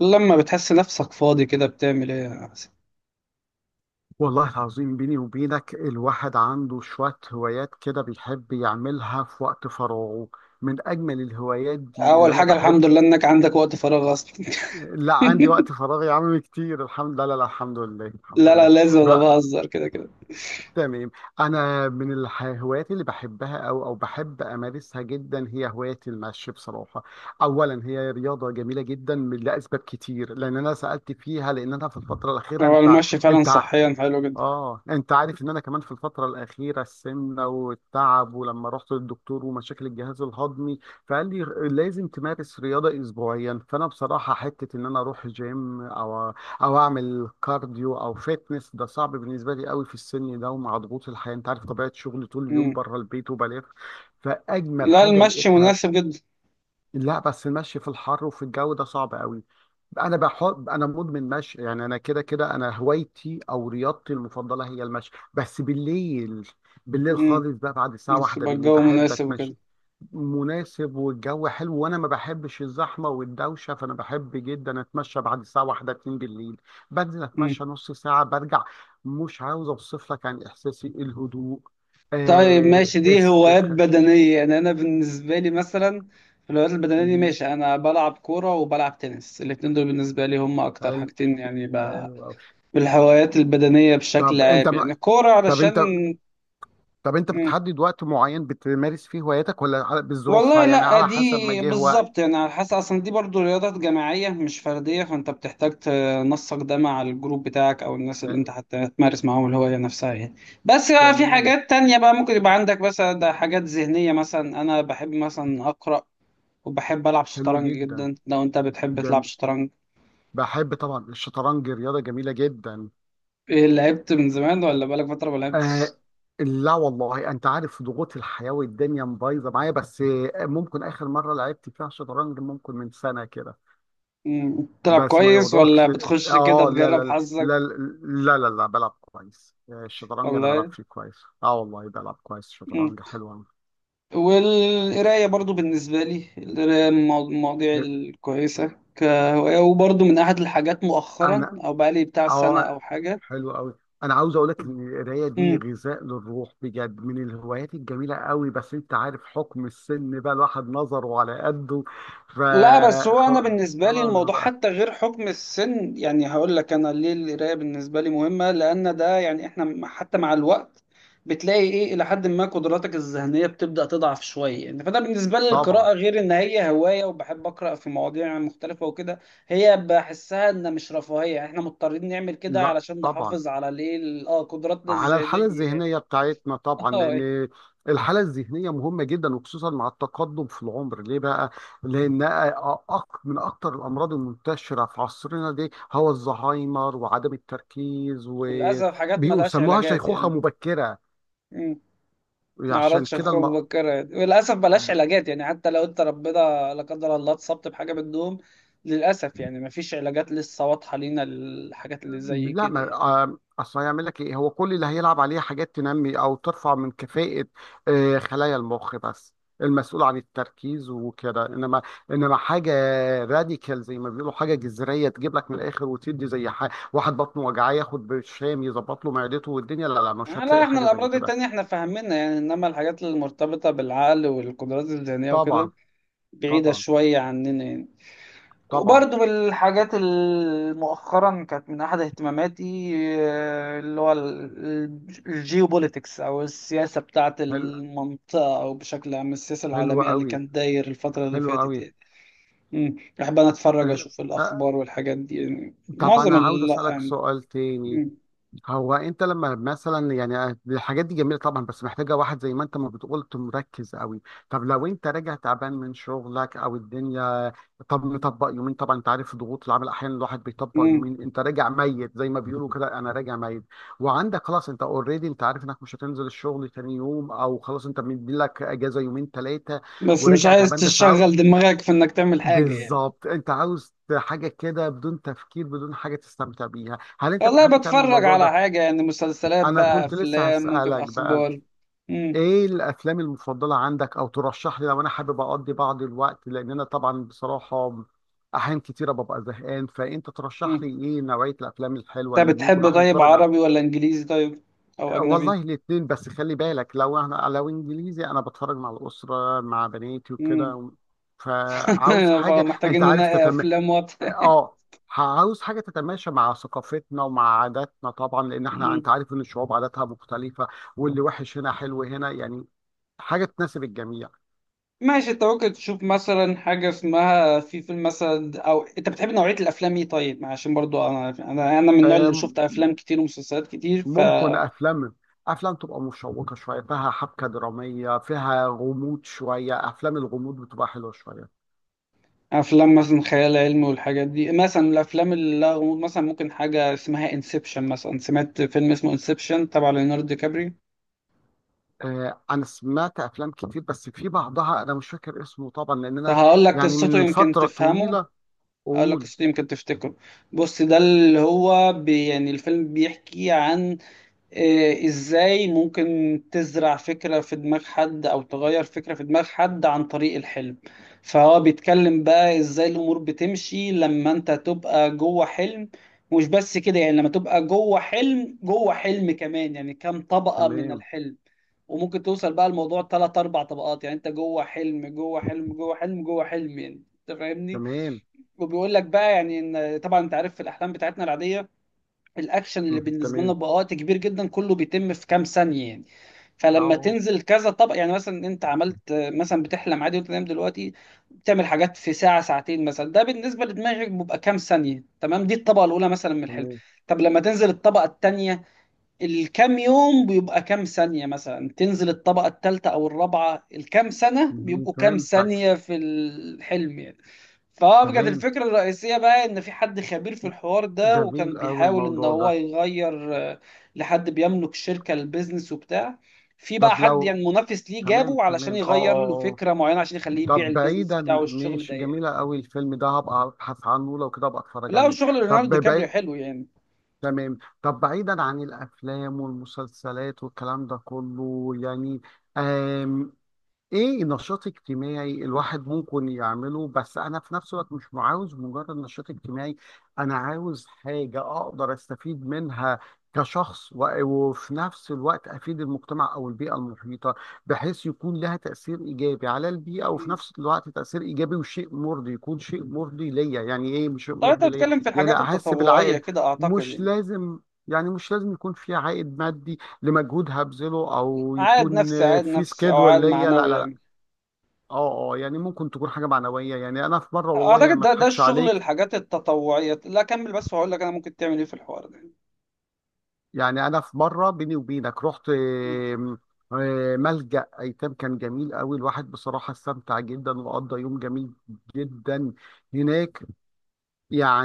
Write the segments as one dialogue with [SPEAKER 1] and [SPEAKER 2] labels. [SPEAKER 1] لما بتحس نفسك فاضي كده بتعمل ايه يا حسين؟
[SPEAKER 2] والله العظيم بيني وبينك، الواحد عنده شوية هوايات كده بيحب يعملها في وقت فراغه. من أجمل الهوايات دي اللي
[SPEAKER 1] اول
[SPEAKER 2] أنا
[SPEAKER 1] حاجه
[SPEAKER 2] بحب.
[SPEAKER 1] الحمد لله انك عندك وقت فراغ اصلا.
[SPEAKER 2] لا، عندي وقت فراغ يا عم كتير، الحمد لله. لا لا، الحمد لله الحمد
[SPEAKER 1] لا لا،
[SPEAKER 2] لله.
[SPEAKER 1] لازم انا
[SPEAKER 2] بقى
[SPEAKER 1] بهزر كده كده.
[SPEAKER 2] تمام. أنا من الهوايات اللي بحبها أو بحب أمارسها جدا، هي هواية المشي بصراحة. أولا هي رياضة جميلة جدا، لأسباب كتير، لأن أنا سألت فيها، لأن أنا في الفترة الأخيرة
[SPEAKER 1] هو
[SPEAKER 2] أنت
[SPEAKER 1] المشي فعلا
[SPEAKER 2] أنت
[SPEAKER 1] صحيا حلو جدا.
[SPEAKER 2] اه انت عارف ان انا كمان في الفتره الاخيره السمنه والتعب، ولما رحت للدكتور ومشاكل الجهاز الهضمي، فقال لي لازم تمارس رياضه اسبوعيا. فانا بصراحه حته ان انا اروح جيم او اعمل كارديو او فيتنس، ده صعب بالنسبه لي قوي في السن ده، ومع ضغوط الحياه انت عارف طبيعه شغلي طول اليوم
[SPEAKER 1] مم.
[SPEAKER 2] بره البيت وبلف. فاجمل
[SPEAKER 1] لا
[SPEAKER 2] حاجه
[SPEAKER 1] المشي
[SPEAKER 2] لقيتها،
[SPEAKER 1] مناسب جدا.
[SPEAKER 2] لا بس المشي في الحر وفي الجو ده صعب قوي. انا مدمن مشي يعني، انا كده كده، انا هوايتي او رياضتي المفضله هي المشي، بس بالليل. بالليل
[SPEAKER 1] امم
[SPEAKER 2] خالص بقى، بعد الساعه واحدة
[SPEAKER 1] يبقى
[SPEAKER 2] بالليل
[SPEAKER 1] الجو
[SPEAKER 2] بحب
[SPEAKER 1] مناسب
[SPEAKER 2] اتمشى.
[SPEAKER 1] وكده.
[SPEAKER 2] مناسب والجو حلو، وانا ما بحبش الزحمه والدوشه، فانا بحب جدا اتمشى بعد الساعه واحدة اتنين بالليل. بنزل
[SPEAKER 1] مم.
[SPEAKER 2] اتمشى نص ساعه برجع. مش عاوز اوصف لك عن احساسي الهدوء،
[SPEAKER 1] طيب ماشي، دي هوايات
[SPEAKER 2] استرخاء شديد.
[SPEAKER 1] بدنيه. يعني انا بالنسبه لي مثلا في الهوايات البدنيه دي،
[SPEAKER 2] مم.
[SPEAKER 1] ماشي، انا بلعب كوره وبلعب تنس. الاتنين دول بالنسبه لي هم اكتر
[SPEAKER 2] حلو.
[SPEAKER 1] حاجتين يعني ب...
[SPEAKER 2] حلو أوي.
[SPEAKER 1] بالهوايات البدنيه بشكل
[SPEAKER 2] طب
[SPEAKER 1] عام،
[SPEAKER 2] انت
[SPEAKER 1] يعني الكوره
[SPEAKER 2] طب
[SPEAKER 1] علشان.
[SPEAKER 2] انت طب انت
[SPEAKER 1] مم.
[SPEAKER 2] بتحدد وقت معين بتمارس فيه هواياتك، ولا
[SPEAKER 1] والله
[SPEAKER 2] بظروفها، يعني
[SPEAKER 1] لا
[SPEAKER 2] على
[SPEAKER 1] دي
[SPEAKER 2] حسب ما جه وقت؟
[SPEAKER 1] بالظبط، يعني على حسب، اصلا دي برضو رياضات جماعية مش فردية، فانت بتحتاج تنسق ده مع الجروب بتاعك او الناس اللي انت
[SPEAKER 2] آه،
[SPEAKER 1] حتى تمارس معاهم الهواية نفسها يعني. بس بقى في
[SPEAKER 2] تمام.
[SPEAKER 1] حاجات تانية بقى ممكن يبقى عندك، مثلا ده حاجات ذهنية، مثلا انا بحب مثلا اقرأ، وبحب العب
[SPEAKER 2] حلو
[SPEAKER 1] شطرنج
[SPEAKER 2] جدا.
[SPEAKER 1] جدا. لو انت بتحب
[SPEAKER 2] جم...
[SPEAKER 1] تلعب شطرنج؟
[SPEAKER 2] بحب طبعا، الشطرنج رياضة جميلة جدا.
[SPEAKER 1] إيه، لعبت من زمان ولا بقالك فترة ما
[SPEAKER 2] آه،
[SPEAKER 1] لعبتش؟
[SPEAKER 2] لا والله انت عارف ضغوط الحياة والدنيا مبايظة معايا، بس ممكن اخر مرة لعبت فيها شطرنج ممكن من سنة كده.
[SPEAKER 1] مم، بتلعب
[SPEAKER 2] بس ما
[SPEAKER 1] كويس ولا
[SPEAKER 2] يغركش.
[SPEAKER 1] بتخش كده
[SPEAKER 2] اه، لا
[SPEAKER 1] تجرب
[SPEAKER 2] لا. لا.
[SPEAKER 1] حظك
[SPEAKER 2] لا لا لا، بلعب كويس. الشطرنج انا بلعب
[SPEAKER 1] ولا
[SPEAKER 2] فيه كويس، والله بلعب كويس
[SPEAKER 1] ايه؟
[SPEAKER 2] شطرنج، حلو أوي.
[SPEAKER 1] والقراية برضو بالنسبة لي، القراية من المواضيع الكويسة كهواية، وبرضو من أحد الحاجات مؤخرا،
[SPEAKER 2] انا
[SPEAKER 1] أو بقالي بتاع سنة
[SPEAKER 2] اه
[SPEAKER 1] أو حاجة.
[SPEAKER 2] حلو قوي. انا عاوز اقول لك ان القرايه دي غذاء للروح بجد، من الهوايات الجميله قوي، بس انت عارف حكم السن بقى، الواحد نظره على قده. ف
[SPEAKER 1] لا، بس هو انا
[SPEAKER 2] خ-
[SPEAKER 1] بالنسبه لي
[SPEAKER 2] خلاص
[SPEAKER 1] الموضوع
[SPEAKER 2] بقى.
[SPEAKER 1] حتى غير حكم السن، يعني هقول لك انا ليه القرايه بالنسبه لي مهمه، لان ده يعني احنا حتى مع الوقت بتلاقي ايه الى حد ما قدراتك الذهنيه بتبدا تضعف شويه. يعني فانا بالنسبه لي
[SPEAKER 2] طبعا.
[SPEAKER 1] القراءه غير ان هي هوايه وبحب اقرا في مواضيع مختلفه وكده، هي بحسها ان مش رفاهيه، يعني احنا مضطرين نعمل كده
[SPEAKER 2] لا.
[SPEAKER 1] علشان
[SPEAKER 2] طبعا،
[SPEAKER 1] نحافظ على ليه قدراتنا
[SPEAKER 2] على الحاله
[SPEAKER 1] الذهنيه.
[SPEAKER 2] الذهنيه بتاعتنا طبعا،
[SPEAKER 1] اه،
[SPEAKER 2] لان الحاله الذهنيه مهمه جدا، وخصوصا مع التقدم في العمر ليه بقى، لان من اكتر الامراض المنتشره في عصرنا دي هو الزهايمر، وعدم التركيز و...
[SPEAKER 1] وللاسف حاجات ملهاش
[SPEAKER 2] بيسموها
[SPEAKER 1] علاجات
[SPEAKER 2] شيخوخة
[SPEAKER 1] يعني.
[SPEAKER 2] مبكرة.
[SPEAKER 1] ما
[SPEAKER 2] عشان
[SPEAKER 1] اعرفش
[SPEAKER 2] كده الم...
[SPEAKER 1] اخوك بكرة، وللاسف بلاش
[SPEAKER 2] ب-
[SPEAKER 1] علاجات، يعني حتى لو انت ربنا لا قدر الله اتصبت بحاجه من النوم، للاسف يعني ما فيش علاجات لسه واضحه لينا للحاجات اللي زي
[SPEAKER 2] لا
[SPEAKER 1] كده
[SPEAKER 2] ما
[SPEAKER 1] يعني.
[SPEAKER 2] اصل هيعمل لك ايه؟ هو كل اللي هيلعب عليه حاجات تنمي او ترفع من كفاءة خلايا المخ بس، المسؤول عن التركيز وكده. انما حاجه راديكال زي ما بيقولوا، حاجه جذريه تجيب لك من الاخر وتدي، زي واحد بطنه وجعاه ياخد برشام يظبط له معدته. والدنيا لا لا، مش
[SPEAKER 1] لا،
[SPEAKER 2] هتلاقي
[SPEAKER 1] احنا
[SPEAKER 2] حاجه زي
[SPEAKER 1] الامراض
[SPEAKER 2] كده.
[SPEAKER 1] التانية احنا فاهمينها يعني، انما الحاجات المرتبطه بالعقل والقدرات الذهنيه
[SPEAKER 2] طبعا.
[SPEAKER 1] وكده بعيده
[SPEAKER 2] طبعا.
[SPEAKER 1] شويه عننا يعني.
[SPEAKER 2] طبعا.
[SPEAKER 1] وبرضه من الحاجات اللي مؤخرا كانت من أحد اهتماماتي، اللي هو الجيوبوليتكس، أو السياسة بتاعة
[SPEAKER 2] حلو.
[SPEAKER 1] المنطقة، أو بشكل عام السياسة
[SPEAKER 2] حلو
[SPEAKER 1] العالمية اللي
[SPEAKER 2] قوي.
[SPEAKER 1] كانت داير الفترة اللي
[SPEAKER 2] حلو
[SPEAKER 1] فاتت
[SPEAKER 2] قوي.
[SPEAKER 1] يعني. مم. بحب أنا أتفرج
[SPEAKER 2] آه.
[SPEAKER 1] أشوف
[SPEAKER 2] آه.
[SPEAKER 1] الأخبار والحاجات دي، يعني
[SPEAKER 2] طب
[SPEAKER 1] معظم
[SPEAKER 2] انا عاوز
[SPEAKER 1] ال
[SPEAKER 2] اسالك
[SPEAKER 1] يعني.
[SPEAKER 2] سؤال تاني.
[SPEAKER 1] مم.
[SPEAKER 2] هو انت لما مثلا يعني الحاجات دي جميله طبعا، بس محتاجه واحد زي ما انت ما بتقول، مركز قوي. طب لو انت راجع تعبان من شغلك او الدنيا، طب نطبق يومين، طبعا انت عارف ضغوط العمل احيانا الواحد بيطبق
[SPEAKER 1] مم.
[SPEAKER 2] يومين، انت راجع ميت زي ما بيقولوا كده، انا راجع ميت. وعندك خلاص، انت اوريدي انت عارف انك مش هتنزل الشغل تاني يوم، او خلاص انت مدي لك اجازه يومين ثلاثه.
[SPEAKER 1] بس مش
[SPEAKER 2] وراجع
[SPEAKER 1] عايز
[SPEAKER 2] تعبان بس
[SPEAKER 1] تشغل دماغك في إنك تعمل حاجة يعني.
[SPEAKER 2] بالظبط، انت عاوز حاجه كده بدون تفكير، بدون حاجه تستمتع بيها، هل انت
[SPEAKER 1] والله
[SPEAKER 2] بتحب تعمل
[SPEAKER 1] بتفرج
[SPEAKER 2] الموضوع
[SPEAKER 1] على
[SPEAKER 2] ده؟
[SPEAKER 1] حاجة، يعني مسلسلات
[SPEAKER 2] انا
[SPEAKER 1] بقى،
[SPEAKER 2] كنت لسه
[SPEAKER 1] أفلام، ممكن
[SPEAKER 2] هسألك بقى،
[SPEAKER 1] أخبار. مم.
[SPEAKER 2] ايه الافلام المفضلة عندك، او ترشح لي لو انا حابب اقضي بعض الوقت، لان انا طبعا بصراحة احيان كتيرة ببقى زهقان، فانت ترشح
[SPEAKER 1] مم.
[SPEAKER 2] لي ايه نوعية الافلام الحلوة
[SPEAKER 1] انت
[SPEAKER 2] اللي ممكن
[SPEAKER 1] بتحب
[SPEAKER 2] الواحد
[SPEAKER 1] طيب
[SPEAKER 2] يتفرج
[SPEAKER 1] عربي ولا انجليزي، طيب او
[SPEAKER 2] والله
[SPEAKER 1] اجنبي؟
[SPEAKER 2] الاتنين، بس خلي بالك لو انجليزي انا بتفرج مع الاسرة، مع بناتي
[SPEAKER 1] امم
[SPEAKER 2] وكده، فعاوز حاجة انت
[SPEAKER 1] فمحتاجين
[SPEAKER 2] عارف
[SPEAKER 1] ننقي افلام وطن.
[SPEAKER 2] اه، عاوز حاجه تتماشى مع ثقافتنا ومع عاداتنا، طبعا لان احنا
[SPEAKER 1] مم.
[SPEAKER 2] انت عارف ان الشعوب عاداتها مختلفه، واللي وحش هنا حلو هنا يعني. حاجه تناسب الجميع.
[SPEAKER 1] ماشي، انت ممكن تشوف مثلا حاجه اسمها، في فيلم مثلا، او انت بتحب نوعيه الافلام ايه طيب؟ عشان برضو انا انا من النوع اللي شفت
[SPEAKER 2] أم،
[SPEAKER 1] افلام كتير ومسلسلات كتير.
[SPEAKER 2] ممكن
[SPEAKER 1] فافلام
[SPEAKER 2] افلام تبقى مشوقه شويه، فيها حبكه دراميه، فيها غموض شويه، افلام الغموض بتبقى حلوه شويه.
[SPEAKER 1] مثلا خيال علمي والحاجات دي، مثلا الافلام اللي لها غموض مثلا، ممكن حاجه اسمها انسبشن، مثلا سمعت فيلم اسمه انسبشن تبع ليوناردو دي كابري؟
[SPEAKER 2] أه، انا سمعت افلام كتير، بس في بعضها انا مش فاكر اسمه طبعا لان انا
[SPEAKER 1] فهقول لك
[SPEAKER 2] يعني
[SPEAKER 1] قصته
[SPEAKER 2] من
[SPEAKER 1] يمكن
[SPEAKER 2] فتره
[SPEAKER 1] تفهمه،
[SPEAKER 2] طويله.
[SPEAKER 1] اقول لك
[SPEAKER 2] اقول
[SPEAKER 1] قصته يمكن تفتكره. بص، ده اللي هو بي يعني الفيلم بيحكي عن ازاي ممكن تزرع فكرة في دماغ حد او تغير فكرة في دماغ حد عن طريق الحلم. فهو بيتكلم بقى ازاي الامور بتمشي لما انت تبقى جوه حلم. مش بس كده، يعني لما تبقى جوه حلم جوه حلم كمان، يعني كام طبقة من
[SPEAKER 2] تمام.
[SPEAKER 1] الحلم. وممكن توصل بقى الموضوع ثلاث اربع طبقات، يعني انت جوه حلم جوه حلم جوه حلم جوه حلم يعني. انت فاهمني.
[SPEAKER 2] تمام.
[SPEAKER 1] وبيقول لك بقى يعني ان، طبعا انت عارف في الاحلام بتاعتنا العاديه، الاكشن اللي بالنسبه لنا
[SPEAKER 2] تمام.
[SPEAKER 1] بقى وقت كبير جدا كله بيتم في كام ثانيه يعني. فلما
[SPEAKER 2] اه.
[SPEAKER 1] تنزل كذا طبق، يعني مثلا انت عملت مثلا، بتحلم عادي وانت نايم دلوقتي، بتعمل حاجات في ساعه ساعتين مثلا، ده بالنسبه لدماغك بيبقى كام ثانيه. تمام، دي الطبقه الاولى مثلا من الحلم.
[SPEAKER 2] تمام.
[SPEAKER 1] طب لما تنزل الطبقه الثانيه، الكام يوم بيبقى كام ثانية. مثلا تنزل الطبقة الثالثة أو الرابعة، الكام سنة
[SPEAKER 2] مم،
[SPEAKER 1] بيبقوا كام
[SPEAKER 2] فهمتك.
[SPEAKER 1] ثانية في الحلم يعني. فكانت
[SPEAKER 2] تمام.
[SPEAKER 1] الفكرة الرئيسية بقى إن في حد خبير في الحوار ده، وكان
[SPEAKER 2] جميل أوي
[SPEAKER 1] بيحاول إن
[SPEAKER 2] الموضوع
[SPEAKER 1] هو
[SPEAKER 2] ده.
[SPEAKER 1] يغير، لحد بيملك شركة، البيزنس وبتاع، في بقى
[SPEAKER 2] طب
[SPEAKER 1] حد
[SPEAKER 2] لو
[SPEAKER 1] يعني منافس ليه،
[SPEAKER 2] تمام.
[SPEAKER 1] جابه علشان
[SPEAKER 2] تمام، اه
[SPEAKER 1] يغير له
[SPEAKER 2] اه اه.
[SPEAKER 1] فكرة معينة عشان يخليه يبيع
[SPEAKER 2] طب
[SPEAKER 1] البيزنس
[SPEAKER 2] بعيدا
[SPEAKER 1] بتاعه والشغل ده
[SPEAKER 2] ماشي،
[SPEAKER 1] يعني.
[SPEAKER 2] جميلة أوي الفيلم ده، هبقى أبحث عنه، لو كده أبقى أتفرج
[SPEAKER 1] لا،
[SPEAKER 2] عليه.
[SPEAKER 1] وشغل
[SPEAKER 2] طب
[SPEAKER 1] ليوناردو دي كابريو
[SPEAKER 2] بعيد
[SPEAKER 1] حلو يعني.
[SPEAKER 2] تمام، طب بعيدا عن الأفلام والمسلسلات والكلام ده كله يعني. آمم ايه نشاط اجتماعي الواحد ممكن يعمله؟ بس انا في نفس الوقت مش عاوز مجرد نشاط اجتماعي، انا عاوز حاجة اقدر استفيد منها كشخص، وفي نفس الوقت افيد المجتمع او البيئة المحيطة، بحيث يكون لها تأثير ايجابي على البيئة، وفي
[SPEAKER 1] مم.
[SPEAKER 2] نفس الوقت تأثير ايجابي وشيء مرضي، يكون شيء مرضي ليا، يعني ايه مش شيء
[SPEAKER 1] طيب أنت
[SPEAKER 2] مرضي ليا،
[SPEAKER 1] بتتكلم في
[SPEAKER 2] يعني
[SPEAKER 1] الحاجات
[SPEAKER 2] احس
[SPEAKER 1] التطوعية
[SPEAKER 2] بالعائد.
[SPEAKER 1] كده أعتقد
[SPEAKER 2] مش
[SPEAKER 1] يعني،
[SPEAKER 2] لازم يعني مش لازم يكون في عائد مادي لمجهود هبذله، او
[SPEAKER 1] عائد
[SPEAKER 2] يكون
[SPEAKER 1] نفسي، عائد
[SPEAKER 2] في
[SPEAKER 1] نفسي او
[SPEAKER 2] سكيدول
[SPEAKER 1] عائد
[SPEAKER 2] ليا. لا
[SPEAKER 1] معنوي
[SPEAKER 2] لا لا.
[SPEAKER 1] يعني.
[SPEAKER 2] اه اه. يعني ممكن تكون حاجه معنويه، يعني انا في مره والله انا
[SPEAKER 1] اعتقد
[SPEAKER 2] ما
[SPEAKER 1] ده
[SPEAKER 2] اضحكش
[SPEAKER 1] الشغل،
[SPEAKER 2] عليك،
[SPEAKER 1] الحاجات التطوعيه، لا كمل بس وهقول لك انا ممكن تعمل ايه في الحوار ده.
[SPEAKER 2] يعني انا في مره بيني وبينك رحت
[SPEAKER 1] م-
[SPEAKER 2] ملجأ ايتام. كان جميل قوي، الواحد بصراحه استمتع جدا وقضى يوم جميل جدا هناك.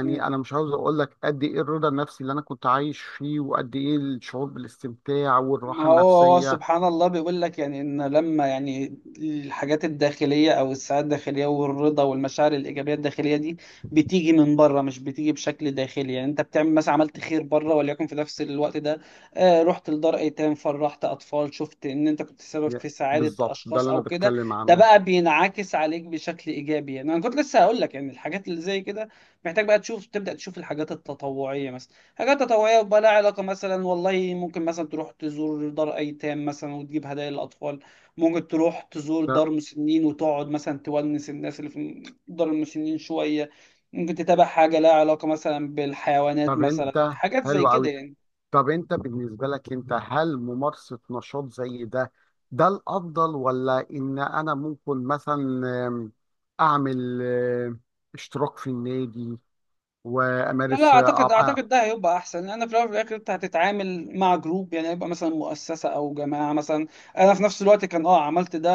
[SPEAKER 1] م.
[SPEAKER 2] انا مش عاوز اقول لك قد ايه الرضا النفسي اللي انا كنت عايش فيه، وقد ايه الشعور بالاستمتاع
[SPEAKER 1] ما
[SPEAKER 2] والراحه
[SPEAKER 1] هو، هو
[SPEAKER 2] النفسيه.
[SPEAKER 1] سبحان الله بيقول لك يعني ان، لما يعني الحاجات الداخليه او السعاده الداخليه والرضا والمشاعر الايجابيه الداخليه دي بتيجي من بره، مش بتيجي بشكل داخلي. يعني انت بتعمل مثلا، عملت خير بره، وليكن في نفس الوقت ده آه رحت لدار ايتام، فرحت اطفال، شفت ان انت كنت سبب في سعاده
[SPEAKER 2] بالظبط ده
[SPEAKER 1] اشخاص
[SPEAKER 2] اللي انا
[SPEAKER 1] او كده،
[SPEAKER 2] بتكلم
[SPEAKER 1] ده
[SPEAKER 2] عنه.
[SPEAKER 1] بقى بينعكس عليك بشكل ايجابي. يعني انا كنت لسه هقول لك يعني الحاجات اللي زي كده، محتاج بقى تشوف، تبدا تشوف الحاجات التطوعيه مثلا. حاجات تطوعية بقى لها علاقة مثلا، والله ممكن مثلا تروح تزور دار أيتام مثلا وتجيب هدايا للأطفال، ممكن تروح تزور
[SPEAKER 2] ف-
[SPEAKER 1] دار مسنين وتقعد مثلا تونس الناس اللي في دار المسنين شوية، ممكن تتابع حاجة لها علاقة مثلا بالحيوانات،
[SPEAKER 2] طب
[SPEAKER 1] مثلا
[SPEAKER 2] انت
[SPEAKER 1] حاجات زي
[SPEAKER 2] حلو
[SPEAKER 1] كده
[SPEAKER 2] قوي.
[SPEAKER 1] يعني.
[SPEAKER 2] طب انت بالنسبة لك انت، هل ممارسة نشاط زي ده ده الافضل، ولا ان انا ممكن مثلا اعمل اشتراك في النادي،
[SPEAKER 1] لا لا،
[SPEAKER 2] وامارس
[SPEAKER 1] اعتقد
[SPEAKER 2] ابقى...
[SPEAKER 1] ده هيبقى احسن، لان في الاول وفي الاخر انت هتتعامل مع جروب، يعني هيبقى مثلا مؤسسه او جماعه مثلا. انا في نفس الوقت كان اه عملت ده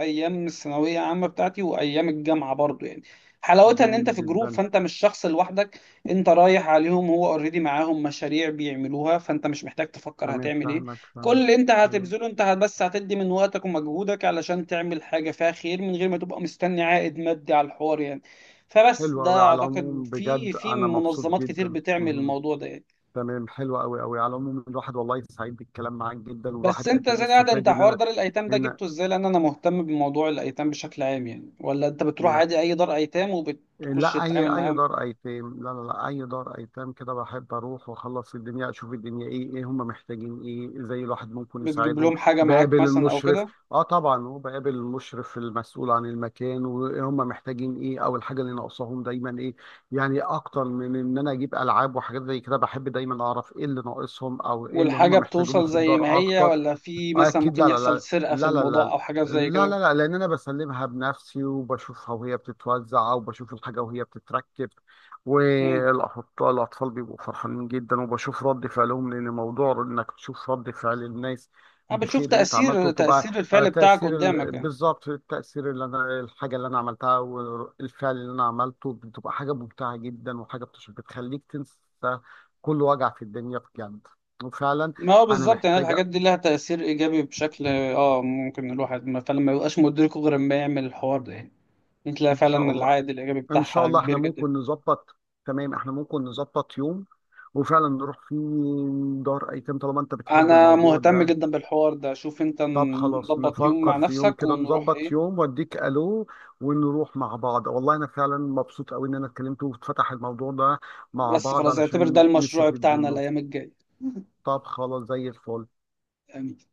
[SPEAKER 1] ايام الثانويه عامه بتاعتي وايام الجامعه برضو يعني. حلاوتها ان
[SPEAKER 2] جميل
[SPEAKER 1] انت في جروب،
[SPEAKER 2] جدا.
[SPEAKER 1] فانت مش شخص لوحدك، انت رايح عليهم هو اوريدي معاهم مشاريع بيعملوها، فانت مش محتاج تفكر
[SPEAKER 2] تمام،
[SPEAKER 1] هتعمل ايه.
[SPEAKER 2] فاهمك
[SPEAKER 1] كل
[SPEAKER 2] فاهمك.
[SPEAKER 1] اللي انت
[SPEAKER 2] حلو.
[SPEAKER 1] هتبذله انت هت- بس هتدي من وقتك ومجهودك علشان تعمل حاجه فيها خير، من غير ما تبقى مستني عائد مادي على الحوار يعني. فبس
[SPEAKER 2] حلو قوي.
[SPEAKER 1] ده،
[SPEAKER 2] على
[SPEAKER 1] اعتقد
[SPEAKER 2] العموم
[SPEAKER 1] في
[SPEAKER 2] بجد
[SPEAKER 1] في
[SPEAKER 2] انا مبسوط
[SPEAKER 1] منظمات كتير
[SPEAKER 2] جدا
[SPEAKER 1] بتعمل
[SPEAKER 2] مهم.
[SPEAKER 1] الموضوع ده يعني.
[SPEAKER 2] تمام، حلو قوي قوي. على العموم الواحد والله سعيد بالكلام معاك جدا، والواحد
[SPEAKER 1] بس انت
[SPEAKER 2] قد ايه
[SPEAKER 1] زي قاعد،
[SPEAKER 2] استفاد
[SPEAKER 1] انت
[SPEAKER 2] ان
[SPEAKER 1] حوار
[SPEAKER 2] انا
[SPEAKER 1] دار الايتام ده
[SPEAKER 2] هنا
[SPEAKER 1] جبته ازاي؟ لان انا مهتم بموضوع الايتام بشكل عام يعني. ولا انت بتروح عادي اي دار ايتام وبتخش
[SPEAKER 2] لا، اي
[SPEAKER 1] تتعامل
[SPEAKER 2] اي
[SPEAKER 1] معاهم؟
[SPEAKER 2] دار ايتام، لا لا لا اي دار ايتام كده بحب اروح واخلص الدنيا، اشوف الدنيا ايه، ايه هم محتاجين، ايه ازاي الواحد ممكن
[SPEAKER 1] بتجيب
[SPEAKER 2] يساعدهم.
[SPEAKER 1] لهم حاجة
[SPEAKER 2] بقابل
[SPEAKER 1] معاك مثلا او
[SPEAKER 2] المشرف
[SPEAKER 1] كده؟
[SPEAKER 2] اه طبعا، هو بقابل المشرف المسؤول عن المكان، وهم محتاجين ايه، او الحاجه اللي ناقصاهم دايما ايه. يعني اكتر من ان انا اجيب العاب وحاجات زي كده، بحب دايما اعرف ايه اللي ناقصهم، او ايه اللي هم
[SPEAKER 1] والحاجة
[SPEAKER 2] محتاجينه
[SPEAKER 1] بتوصل
[SPEAKER 2] في
[SPEAKER 1] زي ما
[SPEAKER 2] الدار
[SPEAKER 1] هي،
[SPEAKER 2] اكتر.
[SPEAKER 1] ولا في
[SPEAKER 2] اه
[SPEAKER 1] مثلا
[SPEAKER 2] اكيد،
[SPEAKER 1] ممكن
[SPEAKER 2] لا لا
[SPEAKER 1] يحصل
[SPEAKER 2] لا،
[SPEAKER 1] سرقة في
[SPEAKER 2] لا لا
[SPEAKER 1] الموضوع
[SPEAKER 2] لا،
[SPEAKER 1] او حاجة زي
[SPEAKER 2] لا
[SPEAKER 1] كده؟
[SPEAKER 2] لا لا. لان انا بسلمها بنفسي وبشوفها وهي بتتوزع، وبشوف الحاجه وهي بتتركب.
[SPEAKER 1] امم
[SPEAKER 2] والاطفال بيبقوا فرحانين جدا، وبشوف رد فعلهم، لان موضوع انك تشوف رد فعل الناس
[SPEAKER 1] انا بتشوف
[SPEAKER 2] بخير انت عملته
[SPEAKER 1] تأثير،
[SPEAKER 2] بتبقى
[SPEAKER 1] تأثير الفعل بتاعك قدامك يعني.
[SPEAKER 2] بالظبط، التاثير اللي انا الحاجه اللي انا عملتها، والفعل اللي انا عملته، بتبقى حاجه ممتعه جدا، وحاجه بتخليك تنسى كل وجع في الدنيا بجد. وفعلا.
[SPEAKER 1] ما هو
[SPEAKER 2] انا
[SPEAKER 1] بالظبط، يعني
[SPEAKER 2] محتاجه.
[SPEAKER 1] الحاجات دي لها تأثير إيجابي بشكل اه، ممكن الواحد فعلا ما يبقاش مدركه غير لما يعمل الحوار ده يعني. انت لا
[SPEAKER 2] ان شاء
[SPEAKER 1] فعلا
[SPEAKER 2] الله.
[SPEAKER 1] العائد الإيجابي
[SPEAKER 2] ان شاء
[SPEAKER 1] بتاعها
[SPEAKER 2] الله احنا
[SPEAKER 1] كبير جدا.
[SPEAKER 2] ممكن نظبط. تمام، احنا ممكن نظبط يوم وفعلا نروح فيه دار ايتام، طالما انت بتحب
[SPEAKER 1] أنا
[SPEAKER 2] الموضوع
[SPEAKER 1] مهتم
[SPEAKER 2] ده.
[SPEAKER 1] جدا بالحوار ده، شوف انت
[SPEAKER 2] طب خلاص
[SPEAKER 1] نظبط يوم مع
[SPEAKER 2] نفكر في يوم
[SPEAKER 1] نفسك
[SPEAKER 2] كده،
[SPEAKER 1] ونروح
[SPEAKER 2] نظبط
[SPEAKER 1] ايه.
[SPEAKER 2] يوم واديك الو، ونروح مع بعض. والله انا فعلا مبسوط قوي ان انا اتكلمت واتفتح الموضوع ده، مع
[SPEAKER 1] بس
[SPEAKER 2] بعض
[SPEAKER 1] خلاص، اعتبر ده
[SPEAKER 2] علشان
[SPEAKER 1] المشروع
[SPEAKER 2] نستفيد
[SPEAKER 1] بتاعنا
[SPEAKER 2] منه.
[SPEAKER 1] الأيام الجاية.
[SPEAKER 2] طب خلاص، زي الفل.
[SPEAKER 1] يعني.